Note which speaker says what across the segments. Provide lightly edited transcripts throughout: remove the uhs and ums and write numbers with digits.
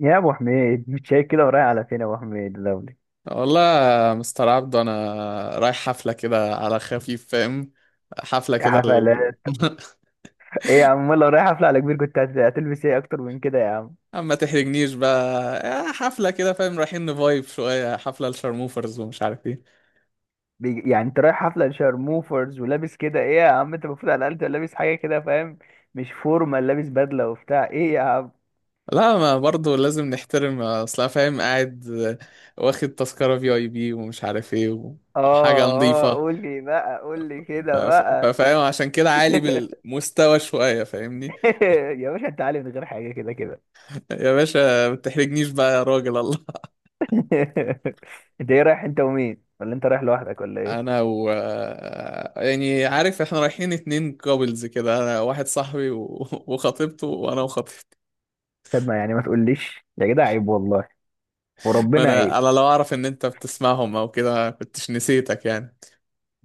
Speaker 1: يا ابو حميد، مش شايف كده؟ ورايح على فين يا ابو حميد لولي؟
Speaker 2: والله يا مستر عبدو انا رايح حفله كده على خفيف، فاهم. حفله
Speaker 1: يا
Speaker 2: كده
Speaker 1: حفلات! ايه يا عم؟ والله رايح حفله على كبير، كنت هتلبس ايه اكتر من كده يا عم؟
Speaker 2: اما تحرجنيش بقى. حفله كده فاهم، رايحين نفايب شويه حفله الشرموفرز ومش عارف ايه.
Speaker 1: يعني انت رايح حفله لشارموفرز ولابس كده؟ ايه يا عم، انت المفروض على الاقل تبقى لابس حاجه كده، فاهم؟ مش فورمال، لابس بدله وبتاع، ايه يا عم؟
Speaker 2: لا، ما برضو لازم نحترم اصلا فاهم. قاعد واخد تذكره في اي بي ومش عارف ايه
Speaker 1: اه،
Speaker 2: وحاجه
Speaker 1: اه،
Speaker 2: نظيفه.
Speaker 1: قول لي بقى، قول لي كده بقى.
Speaker 2: فاهم عشان كده عالي بالمستوى شويه فاهمني.
Speaker 1: يا باشا، انت عالي من غير حاجه، كده كده.
Speaker 2: يا باشا ما تحرجنيش بقى يا راجل الله.
Speaker 1: انت ايه؟ رايح انت ومين ولا انت رايح لوحدك ولا
Speaker 2: انا
Speaker 1: ايه؟
Speaker 2: و يعني عارف احنا رايحين اتنين كابلز كده، انا واحد صاحبي وخطيبته وانا وخطيبتي.
Speaker 1: طب ما يعني ما تقوليش يا جدع، عيب والله.
Speaker 2: ما
Speaker 1: وربنا
Speaker 2: انا
Speaker 1: عيب.
Speaker 2: انا لو اعرف ان انت بتسمعهم او كده ما كنتش نسيتك يعني.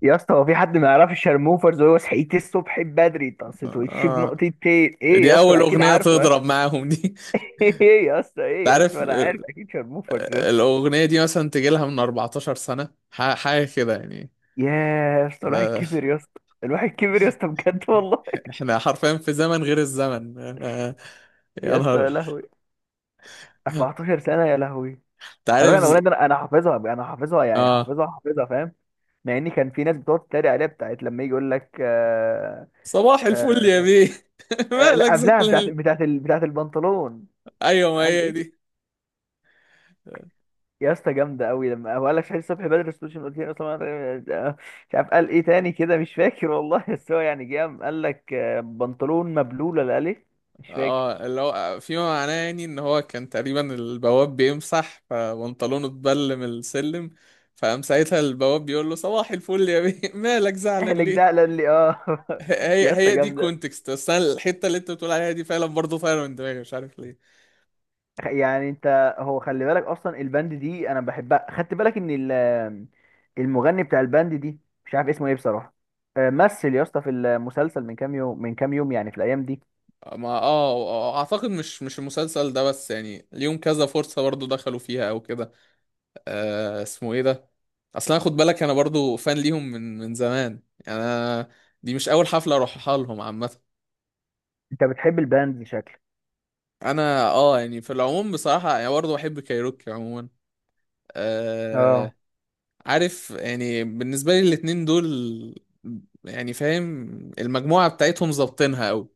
Speaker 1: يا اسطى، هو في حد ما يعرفش شرموفرز؟ وهو صحيت الصبح بدري طست وشي
Speaker 2: آه.
Speaker 1: بنقطتين ايه يا
Speaker 2: دي
Speaker 1: اسطى،
Speaker 2: اول
Speaker 1: اكيد
Speaker 2: اغنية
Speaker 1: عارفه يا
Speaker 2: تضرب
Speaker 1: اسطى.
Speaker 2: معاهم دي.
Speaker 1: ايه يا اسطى؟
Speaker 2: انت
Speaker 1: ايه يا
Speaker 2: عارف.
Speaker 1: اسطى؟ انا عارف اكيد شرموفرز يا اسطى.
Speaker 2: الاغنية دي مثلا تجي لها من 14 سنة حاجة كده يعني.
Speaker 1: يا يا اسطى الواحد
Speaker 2: آه،
Speaker 1: كبر يا اسطى، الواحد كبر يا اسطى، بجد والله.
Speaker 2: احنا حرفيا في زمن غير الزمن يا
Speaker 1: يا اسطى، يا
Speaker 2: نهار.
Speaker 1: لهوي، 14 سنة، يا لهوي.
Speaker 2: انت
Speaker 1: خلي بالك
Speaker 2: عارف.
Speaker 1: انا الاغنية دي، انا حافظها، انا حافظها يعني،
Speaker 2: اه
Speaker 1: حافظها حافظها، فاهم؟ مع ان كان في ناس بتقعد تتريق عليها، بتاعت لما يجي يقول لك آه.
Speaker 2: صباح الفل
Speaker 1: آه،
Speaker 2: يا بيه.
Speaker 1: آه، لا،
Speaker 2: مالك
Speaker 1: قبلها بتاعت
Speaker 2: زعلان؟
Speaker 1: بتاعت البنطلون.
Speaker 2: ايوه، ما
Speaker 1: قال
Speaker 2: هي
Speaker 1: ايه؟
Speaker 2: دي.
Speaker 1: يا اسطى جامده قوي، لما هو قال لك شهيد الصبح بدر السوشيال ميديا اصلا، مش عارف قال ايه تاني كده، مش فاكر والله. بس هو يعني جه قام قال لك بنطلون مبلول ولا قال ايه؟ مش فاكر.
Speaker 2: اه اللي هو فيما معناه يعني ان هو كان تقريبا البواب بيمسح فبنطلونه اتبل من السلم، فقام ساعتها البواب بيقول له صباح الفل يا بيه. مالك زعلان
Speaker 1: اهلك ده
Speaker 2: ليه؟
Speaker 1: قال لي اه.
Speaker 2: هي
Speaker 1: يا اسطى
Speaker 2: هي دي
Speaker 1: جامده.
Speaker 2: كونتكست، بس انا الحته اللي انت بتقول عليها دي فعلا برضه فعلا من دماغي مش عارف ليه.
Speaker 1: يعني انت، هو خلي بالك اصلا الباند دي انا بحبها، خدت بالك ان المغني بتاع الباند دي مش عارف اسمه ايه بصراحه. مثل يا اسطى في المسلسل من كام يوم يعني، في الايام دي.
Speaker 2: ما اه اعتقد مش المسلسل ده، بس يعني ليهم كذا فرصه برضه دخلوا فيها او كده. آه اسمه ايه ده. اصلا خد بالك انا برضو فان ليهم من زمان، يعني انا دي مش اول حفله اروحها لهم عامه.
Speaker 1: انت بتحب الباند شكلك؟
Speaker 2: انا اه يعني في العموم بصراحه يعني برضو بحب كايروكي عموما. آه.
Speaker 1: اه.
Speaker 2: عارف يعني بالنسبه لي الاتنين دول يعني فاهم المجموعه بتاعتهم ظابطينها قوي.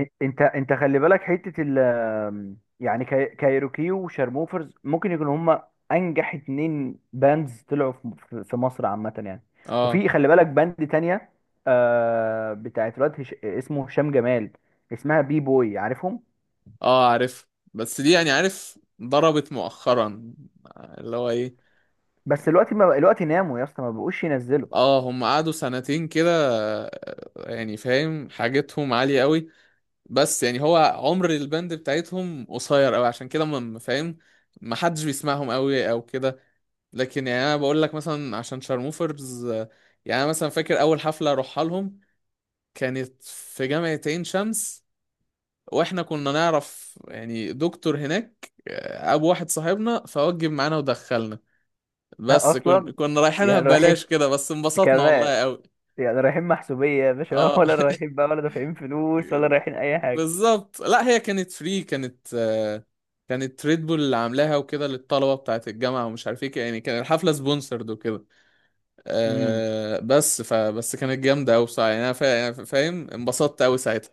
Speaker 1: انت خلي بالك حته ال آمم، يعني كايروكي وشارموفرز ممكن يكونوا هما انجح اتنين باندز طلعوا في مصر عامه يعني.
Speaker 2: اه.
Speaker 1: وفي خلي بالك باند تانية. آه بتاعت الواد اسمه هشام جمال. اسمها بي بوي، عارفهم؟
Speaker 2: اه عارف، بس دي يعني عارف ضربت مؤخرا، اللي هو ايه.
Speaker 1: بس دلوقتي ما بق- دلوقتي ناموا يا اسطى، ما بقوش ينزلوا.
Speaker 2: اه هم قعدوا سنتين كده. يعني فاهم حاجتهم عالية قوي، بس يعني هو عمر الباند بتاعتهم قصير قوي عشان كده فاهم، ما حدش بيسمعهم قوي او كده. لكن يعني انا بقول لك مثلا عشان شارموفرز يعني انا مثلا فاكر اول حفله اروحها لهم كانت في جامعه عين شمس، واحنا كنا نعرف يعني دكتور هناك، ابو واحد صاحبنا فوجب معانا ودخلنا. بس كن
Speaker 1: اصلا
Speaker 2: كنا رايحينها
Speaker 1: يعني
Speaker 2: ببلاش
Speaker 1: رايحين،
Speaker 2: كده، بس انبسطنا
Speaker 1: كمان
Speaker 2: والله قوي.
Speaker 1: يعني رايحين محسوبيه يا باشا
Speaker 2: اه.
Speaker 1: ولا رايحين بقى؟ ولا دافعين فلوس؟ ولا رايحين اي حاجه؟
Speaker 2: بالظبط. لا هي كانت فري، كانت كانت ريد بول اللي عاملاها وكده للطلبه بتاعت الجامعه ومش عارف ايه، يعني كان الحفله سبونسرد وكده.
Speaker 1: إمم.
Speaker 2: بس فبس كانت جامده قوي بصراحه، يعني انا فاهم انبسطت قوي ساعتها.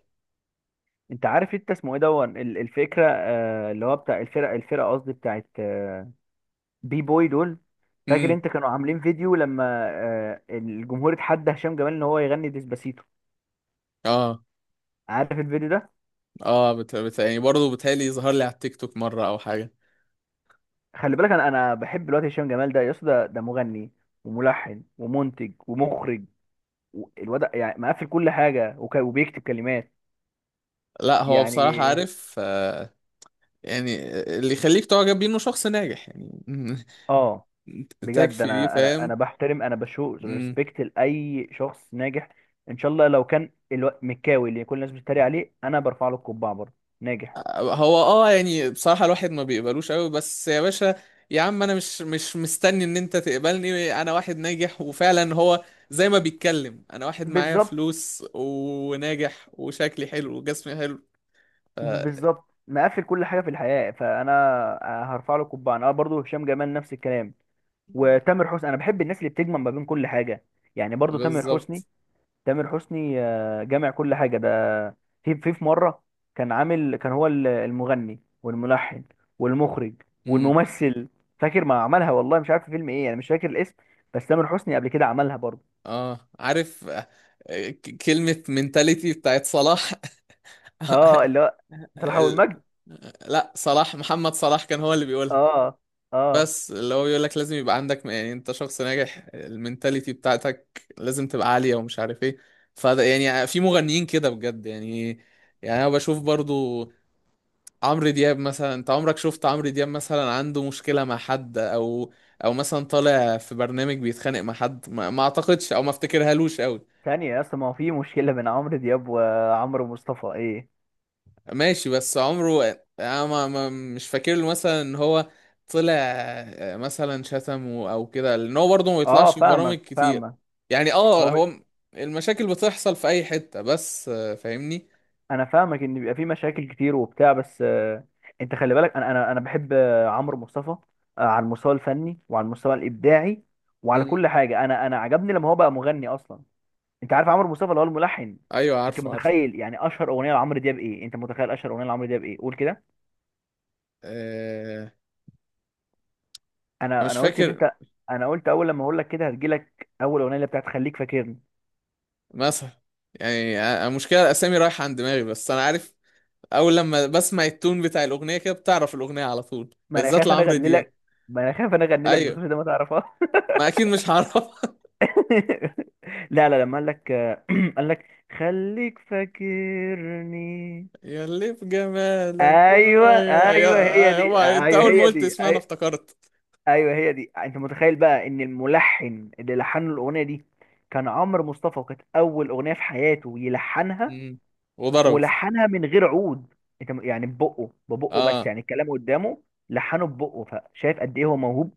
Speaker 1: انت عارف، انت اسمه ايه دون الفكره، اللي هو بتاع الفرقه، قصدي بتاعت بي بوي دول؟ فاكر
Speaker 2: امم.
Speaker 1: انت كانوا عاملين فيديو لما الجمهور اتحدى هشام جمال ان هو يغني ديسباسيتو؟
Speaker 2: اه
Speaker 1: عارف الفيديو ده؟
Speaker 2: اه يعني برضه بتهيألي ظهر لي على التيك توك مره او حاجه.
Speaker 1: خلي بالك انا بحب الواد هشام جمال ده يا اسطى، ده مغني وملحن ومنتج ومخرج، الواد يعني مقفل كل حاجه وبيكتب كلمات
Speaker 2: لا هو بصراحه
Speaker 1: يعني.
Speaker 2: عارف يعني اللي يخليك تعجب بيه انه شخص ناجح يعني.
Speaker 1: اه. بجد
Speaker 2: تكفي دي
Speaker 1: انا
Speaker 2: فاهم.
Speaker 1: بحترم، انا بشوف
Speaker 2: امم.
Speaker 1: ريسبكت لاي شخص ناجح. ان شاء الله لو كان مكاوي اللي كل الناس بتتريق عليه، انا برفع له القبعه برضه، ناجح.
Speaker 2: هو اه يعني بصراحة الواحد ما بيقبلوش قوي بس يا باشا. يا عم انا مش مستني ان انت تقبلني انا واحد ناجح، وفعلا هو زي ما بيتكلم انا واحد معايا
Speaker 1: بالظبط،
Speaker 2: فلوس وناجح وشكلي حلو وجسمي حلو. ف-
Speaker 1: بالظبط، مقفل كل حاجه في الحياه، فانا هرفع له القبعه انا برضه، هشام جمال نفس الكلام. وتامر حسني، انا بحب الناس اللي بتجمع ما بين كل حاجه. يعني برضه تامر حسني،
Speaker 2: بالظبط.
Speaker 1: تامر حسني، جامع كل حاجه ده. في مره، كان عامل، كان هو المغني والملحن والمخرج
Speaker 2: امم.
Speaker 1: والممثل. فاكر ما عملها والله، مش عارف في فيلم ايه، انا مش فاكر الاسم. بس تامر حسني قبل كده عملها برضه.
Speaker 2: اه عارف كلمة منتاليتي بتاعت صلاح.
Speaker 1: اه، اللي هو طلع
Speaker 2: ال-
Speaker 1: والمجد.
Speaker 2: لا، صلاح محمد صلاح كان هو اللي بيقولها.
Speaker 1: اه. اه.
Speaker 2: بس اللي هو بيقول لك لازم يبقى عندك يعني انت شخص ناجح، المينتاليتي بتاعتك لازم تبقى عالية ومش عارف ايه. فده يعني في مغنيين كده بجد يعني. يعني انا بشوف برضو عمرو دياب مثلا، انت عمرك شفت عمرو دياب مثلا عنده مشكلة مع حد؟ او او مثلا طالع في برنامج بيتخانق مع حد؟ ما اعتقدش او ما افتكرهالوش قوي.
Speaker 1: ثانيه يا اسطى، ما هو في مشكله بين عمرو دياب وعمرو مصطفى ايه؟
Speaker 2: ماشي، بس عمره انا مش فاكر له مثلا ان هو طلع مثلا شتم او كده، لان هو برضه ما
Speaker 1: اه،
Speaker 2: بيطلعش في برامج
Speaker 1: فاهمك،
Speaker 2: كتير.
Speaker 1: فاهمك.
Speaker 2: يعني اه
Speaker 1: هو
Speaker 2: هو المشاكل بتحصل في اي حتة، بس فاهمني.
Speaker 1: انا فاهمك ان بيبقى في مشاكل كتير وبتاع، بس انت خلي بالك انا بحب عمرو مصطفى، على المستوى الفني وعلى المستوى الابداعي وعلى
Speaker 2: مم.
Speaker 1: كل حاجه، انا عجبني لما هو بقى مغني اصلا. انت عارف عمرو مصطفى اللي هو الملحن؟
Speaker 2: ايوه
Speaker 1: انت
Speaker 2: عارفه عارفه.
Speaker 1: متخيل يعني اشهر اغنيه لعمرو دياب ايه؟ انت متخيل اشهر اغنيه لعمرو دياب ايه؟ قول كده.
Speaker 2: آه، انا
Speaker 1: انا
Speaker 2: مش
Speaker 1: انا قلت ان
Speaker 2: فاكر.
Speaker 1: انت، انا قلت اول لما اقول لك كده هتجيلك اول اغنيه اللي بتاعت خليك فاكرني.
Speaker 2: مثلا يعني المشكلة الاسامي رايحة عن دماغي، بس انا عارف اول لما بسمع التون بتاع الاغنية كده بتعرف الاغنية على طول
Speaker 1: ما انا
Speaker 2: بالذات
Speaker 1: خايف انا
Speaker 2: لعمرو
Speaker 1: اغني
Speaker 2: دياب.
Speaker 1: لك، ما انا خايف انا اغني لك
Speaker 2: ايوه.
Speaker 1: بصوتي ده ما تعرفهاش.
Speaker 2: ما اكيد مش هعرف.
Speaker 1: لا، لا، لما قال لك قال لك خليك فاكرني.
Speaker 2: يا اللي في جمالك.
Speaker 1: ايوه،
Speaker 2: ايوه
Speaker 1: ايوه،
Speaker 2: ايوه.
Speaker 1: هي دي،
Speaker 2: ايوه انت
Speaker 1: ايوه،
Speaker 2: اول ما
Speaker 1: هي
Speaker 2: قلت
Speaker 1: دي،
Speaker 2: اسمها انا افتكرت.
Speaker 1: ايوه هي دي. انت متخيل بقى ان الملحن اللي لحن له الاغنيه دي كان عمرو مصطفى، وكانت اول اغنيه في حياته يلحنها.
Speaker 2: مم. وضربت.
Speaker 1: ولحنها من غير عود. يعني ببقه بس،
Speaker 2: اه.
Speaker 1: يعني الكلام قدامه، لحنه ببقه. فشايف قد ايه هو موهوب؟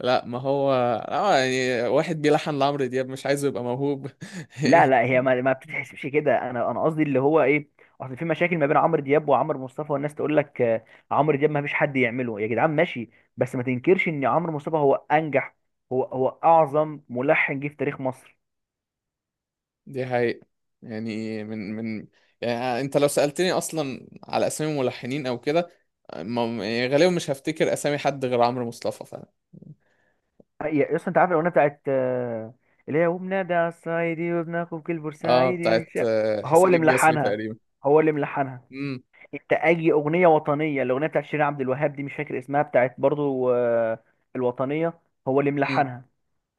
Speaker 2: لا ما هو اه يعني واحد بيلحن لعمرو دياب مش عايزه يبقى موهوب.
Speaker 1: لا، لا، هي ما بتتحسبش كده، انا قصدي اللي هو ايه، اصل في مشاكل ما بين عمرو دياب وعمرو مصطفى، والناس تقول لك عمرو دياب ما فيش حد يعمله يا جدعان، ماشي. بس ما تنكرش ان عمرو مصطفى هو انجح، هو اعظم ملحن جه في تاريخ مصر.
Speaker 2: دي حقيقة، يعني من يعني انت لو سألتني اصلا على اسامي ملحنين او كده يعني غالبا مش هفتكر اسامي حد غير عمرو مصطفى.
Speaker 1: يا اصلا، انت عارف الاغنيه بتاعت اللي هي وبنادى على الصعيدي وبناخد كل
Speaker 2: اه،
Speaker 1: بورسعيدي، مش
Speaker 2: بتاعت
Speaker 1: هو
Speaker 2: حسين
Speaker 1: اللي
Speaker 2: الجسمي
Speaker 1: ملحنها؟
Speaker 2: تقريبا.
Speaker 1: هو اللي ملحنها.
Speaker 2: امم.
Speaker 1: انت اي اغنيه وطنيه، الاغنيه بتاعت شيرين عبد الوهاب دي مش فاكر اسمها، بتاعت برضو الوطنيه، هو اللي
Speaker 2: امم.
Speaker 1: ملحنها.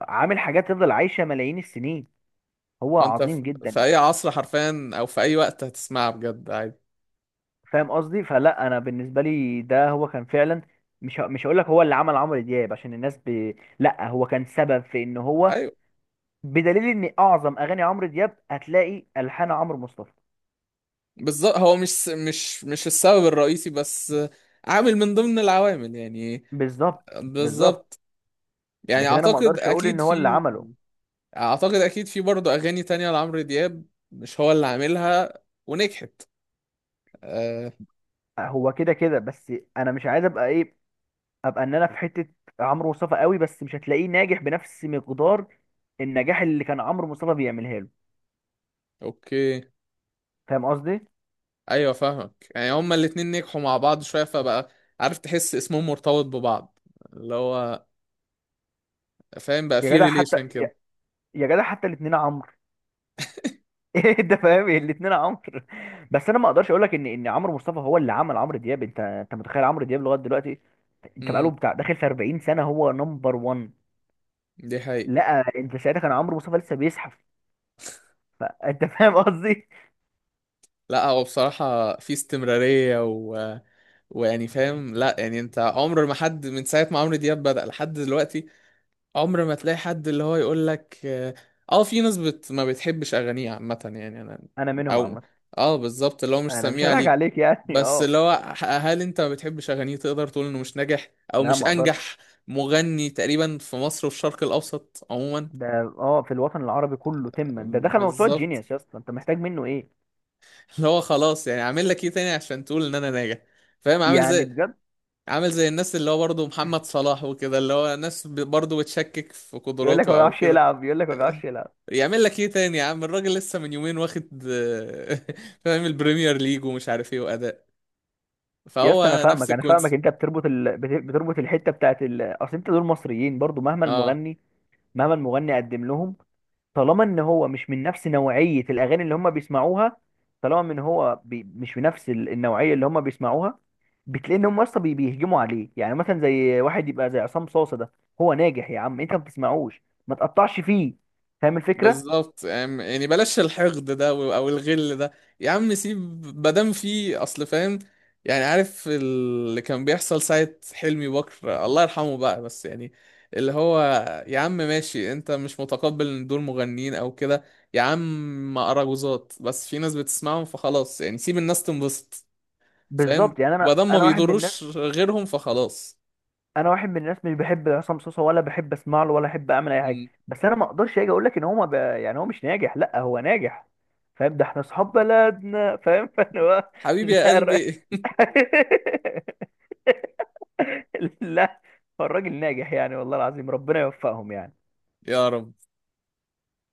Speaker 1: عامل حاجات تفضل عايشة ملايين السنين، هو
Speaker 2: انت
Speaker 1: عظيم
Speaker 2: في
Speaker 1: جدا.
Speaker 2: اي عصر حرفيا او في اي وقت هتسمعها بجد عادي.
Speaker 1: فاهم قصدي؟ فلا انا بالنسبة لي، ده هو كان فعلا، مش هقول لك هو اللي عمل عمرو دياب عشان الناس لا، هو كان سبب في ان هو،
Speaker 2: ايوه
Speaker 1: بدليل ان اعظم اغاني عمرو دياب هتلاقي الحان عمرو مصطفى.
Speaker 2: بالظبط، هو مش السبب الرئيسي، بس عامل من ضمن العوامل يعني.
Speaker 1: بالظبط، بالظبط.
Speaker 2: بالظبط. يعني
Speaker 1: لكن انا ما
Speaker 2: اعتقد
Speaker 1: اقدرش اقول ان
Speaker 2: اكيد
Speaker 1: هو اللي
Speaker 2: في.
Speaker 1: عمله.
Speaker 2: اعتقد اكيد في برضه اغاني تانية لعمرو دياب مش هو اللي عاملها ونجحت. آه.
Speaker 1: هو كده كده بس. انا مش عايز ابقى ايه، ابقى ان انا في حتة عمرو مصطفى قوي، بس مش هتلاقيه ناجح بنفس مقدار النجاح اللي كان عمرو مصطفى بيعملها له.
Speaker 2: اوكي.
Speaker 1: فاهم قصدي؟
Speaker 2: ايوه فاهمك، يعني هما الاتنين نجحوا مع بعض شوية فبقى عارف تحس اسمهم مرتبط ببعض، اللي هو فاهم، بقى
Speaker 1: يا
Speaker 2: في
Speaker 1: جدع حتى
Speaker 2: ريليشن كده.
Speaker 1: يا، يا جدع حتى الاثنين عمرو. ايه ده، فاهم؟ الاثنين عمرو. بس انا ما اقدرش اقول لك ان عمرو مصطفى هو اللي عمل عمرو دياب. انت متخيل عمرو دياب لغايه دلوقتي، انت
Speaker 2: امم.
Speaker 1: بقاله بتاع داخل في 40 سنه هو نمبر 1.
Speaker 2: دي حقيقة.
Speaker 1: لا، انت ساعتها كان عمرو مصطفى لسه بيزحف. فانت فاهم قصدي.
Speaker 2: لا هو بصراحة في استمرارية ويعني فاهم. لا يعني انت عمر ما حد من ساعة ما عمرو دياب بدأ لحد دلوقتي عمر ما تلاقي حد اللي هو يقول لك اه، في ناس ما بتحبش أغانيه عامة يعني انا
Speaker 1: انا منهم
Speaker 2: او.
Speaker 1: عامه.
Speaker 2: اه بالظبط، اللي هو مش
Speaker 1: انا مش
Speaker 2: سميع
Speaker 1: هضحك
Speaker 2: ليك.
Speaker 1: عليك يعني،
Speaker 2: بس
Speaker 1: اه.
Speaker 2: اللي هو هل انت ما بتحبش أغانيه تقدر تقول انه مش ناجح او
Speaker 1: لا،
Speaker 2: مش
Speaker 1: ما اقدرش.
Speaker 2: انجح مغني تقريبا في مصر وفي الشرق الأوسط عموما؟
Speaker 1: ده اه في الوطن العربي كله تما، ده دخل موسوعه
Speaker 2: بالظبط،
Speaker 1: جينيوس يا اسطى، انت محتاج منه ايه؟
Speaker 2: اللي هو خلاص، يعني اعمل لك ايه تاني عشان تقول ان انا ناجح. فاهم عامل
Speaker 1: يعني
Speaker 2: زي،
Speaker 1: بجد.
Speaker 2: عامل زي الناس اللي هو برضه محمد صلاح وكده اللي هو ناس برضه بتشكك في
Speaker 1: يقول لك ما
Speaker 2: قدراته او
Speaker 1: بيعرفش
Speaker 2: كده.
Speaker 1: يلعب، يقول لك ما بيعرفش يلعب.
Speaker 2: يعمل لك ايه تاني؟ يا عم الراجل لسه من يومين واخد فاهم البريمير ليج ومش عارف ايه واداء.
Speaker 1: يا اسطى، انا
Speaker 2: فهو نفس
Speaker 1: فاهمك انا فاهمك
Speaker 2: الكونسيبت.
Speaker 1: انت بتربط بتربط الحته بتاعت اصل انت دول مصريين برضو، مهما
Speaker 2: اه
Speaker 1: المغني، مهما المغني قدم لهم، طالما ان هو مش من نفس نوعيه الاغاني اللي هم بيسمعوها، طالما ان هو مش من نفس النوعيه اللي هم بيسمعوها، بتلاقي ان هم اصلا بيهجموا عليه. يعني مثلا زي واحد يبقى زي عصام صاصه ده، هو ناجح يا عم، انت ما بتسمعوش، ما تقطعش فيه. فاهم الفكره؟
Speaker 2: بالظبط. يعني بلاش الحقد ده او الغل ده. يا عم سيب، مادام في اصل فاهم يعني عارف اللي كان بيحصل ساعة حلمي بكر الله يرحمه بقى، بس يعني اللي هو يا عم ماشي، انت مش متقبل ان دول مغنيين او كده، يا عم اراجوزات، بس في ناس بتسمعهم فخلاص، يعني سيب الناس تنبسط. فاهم،
Speaker 1: بالظبط، يعني انا
Speaker 2: مادام ما
Speaker 1: انا واحد من الناس،
Speaker 2: بيضروش غيرهم فخلاص.
Speaker 1: انا واحد من الناس مش بحب عصام صوصه ولا بحب اسمع له ولا احب اعمل اي حاجه،
Speaker 2: مم.
Speaker 1: بس انا ما اقدرش اجي اقول لك ان هو ما ب... يعني هو مش ناجح، لا هو ناجح. فاهم؟ ده احنا اصحاب بلدنا. فاهم؟ فانا هو
Speaker 2: حبيبي يا
Speaker 1: لا،
Speaker 2: قلبي.
Speaker 1: لا، هو الراجل ناجح يعني، والله العظيم ربنا يوفقهم يعني.
Speaker 2: يا رب.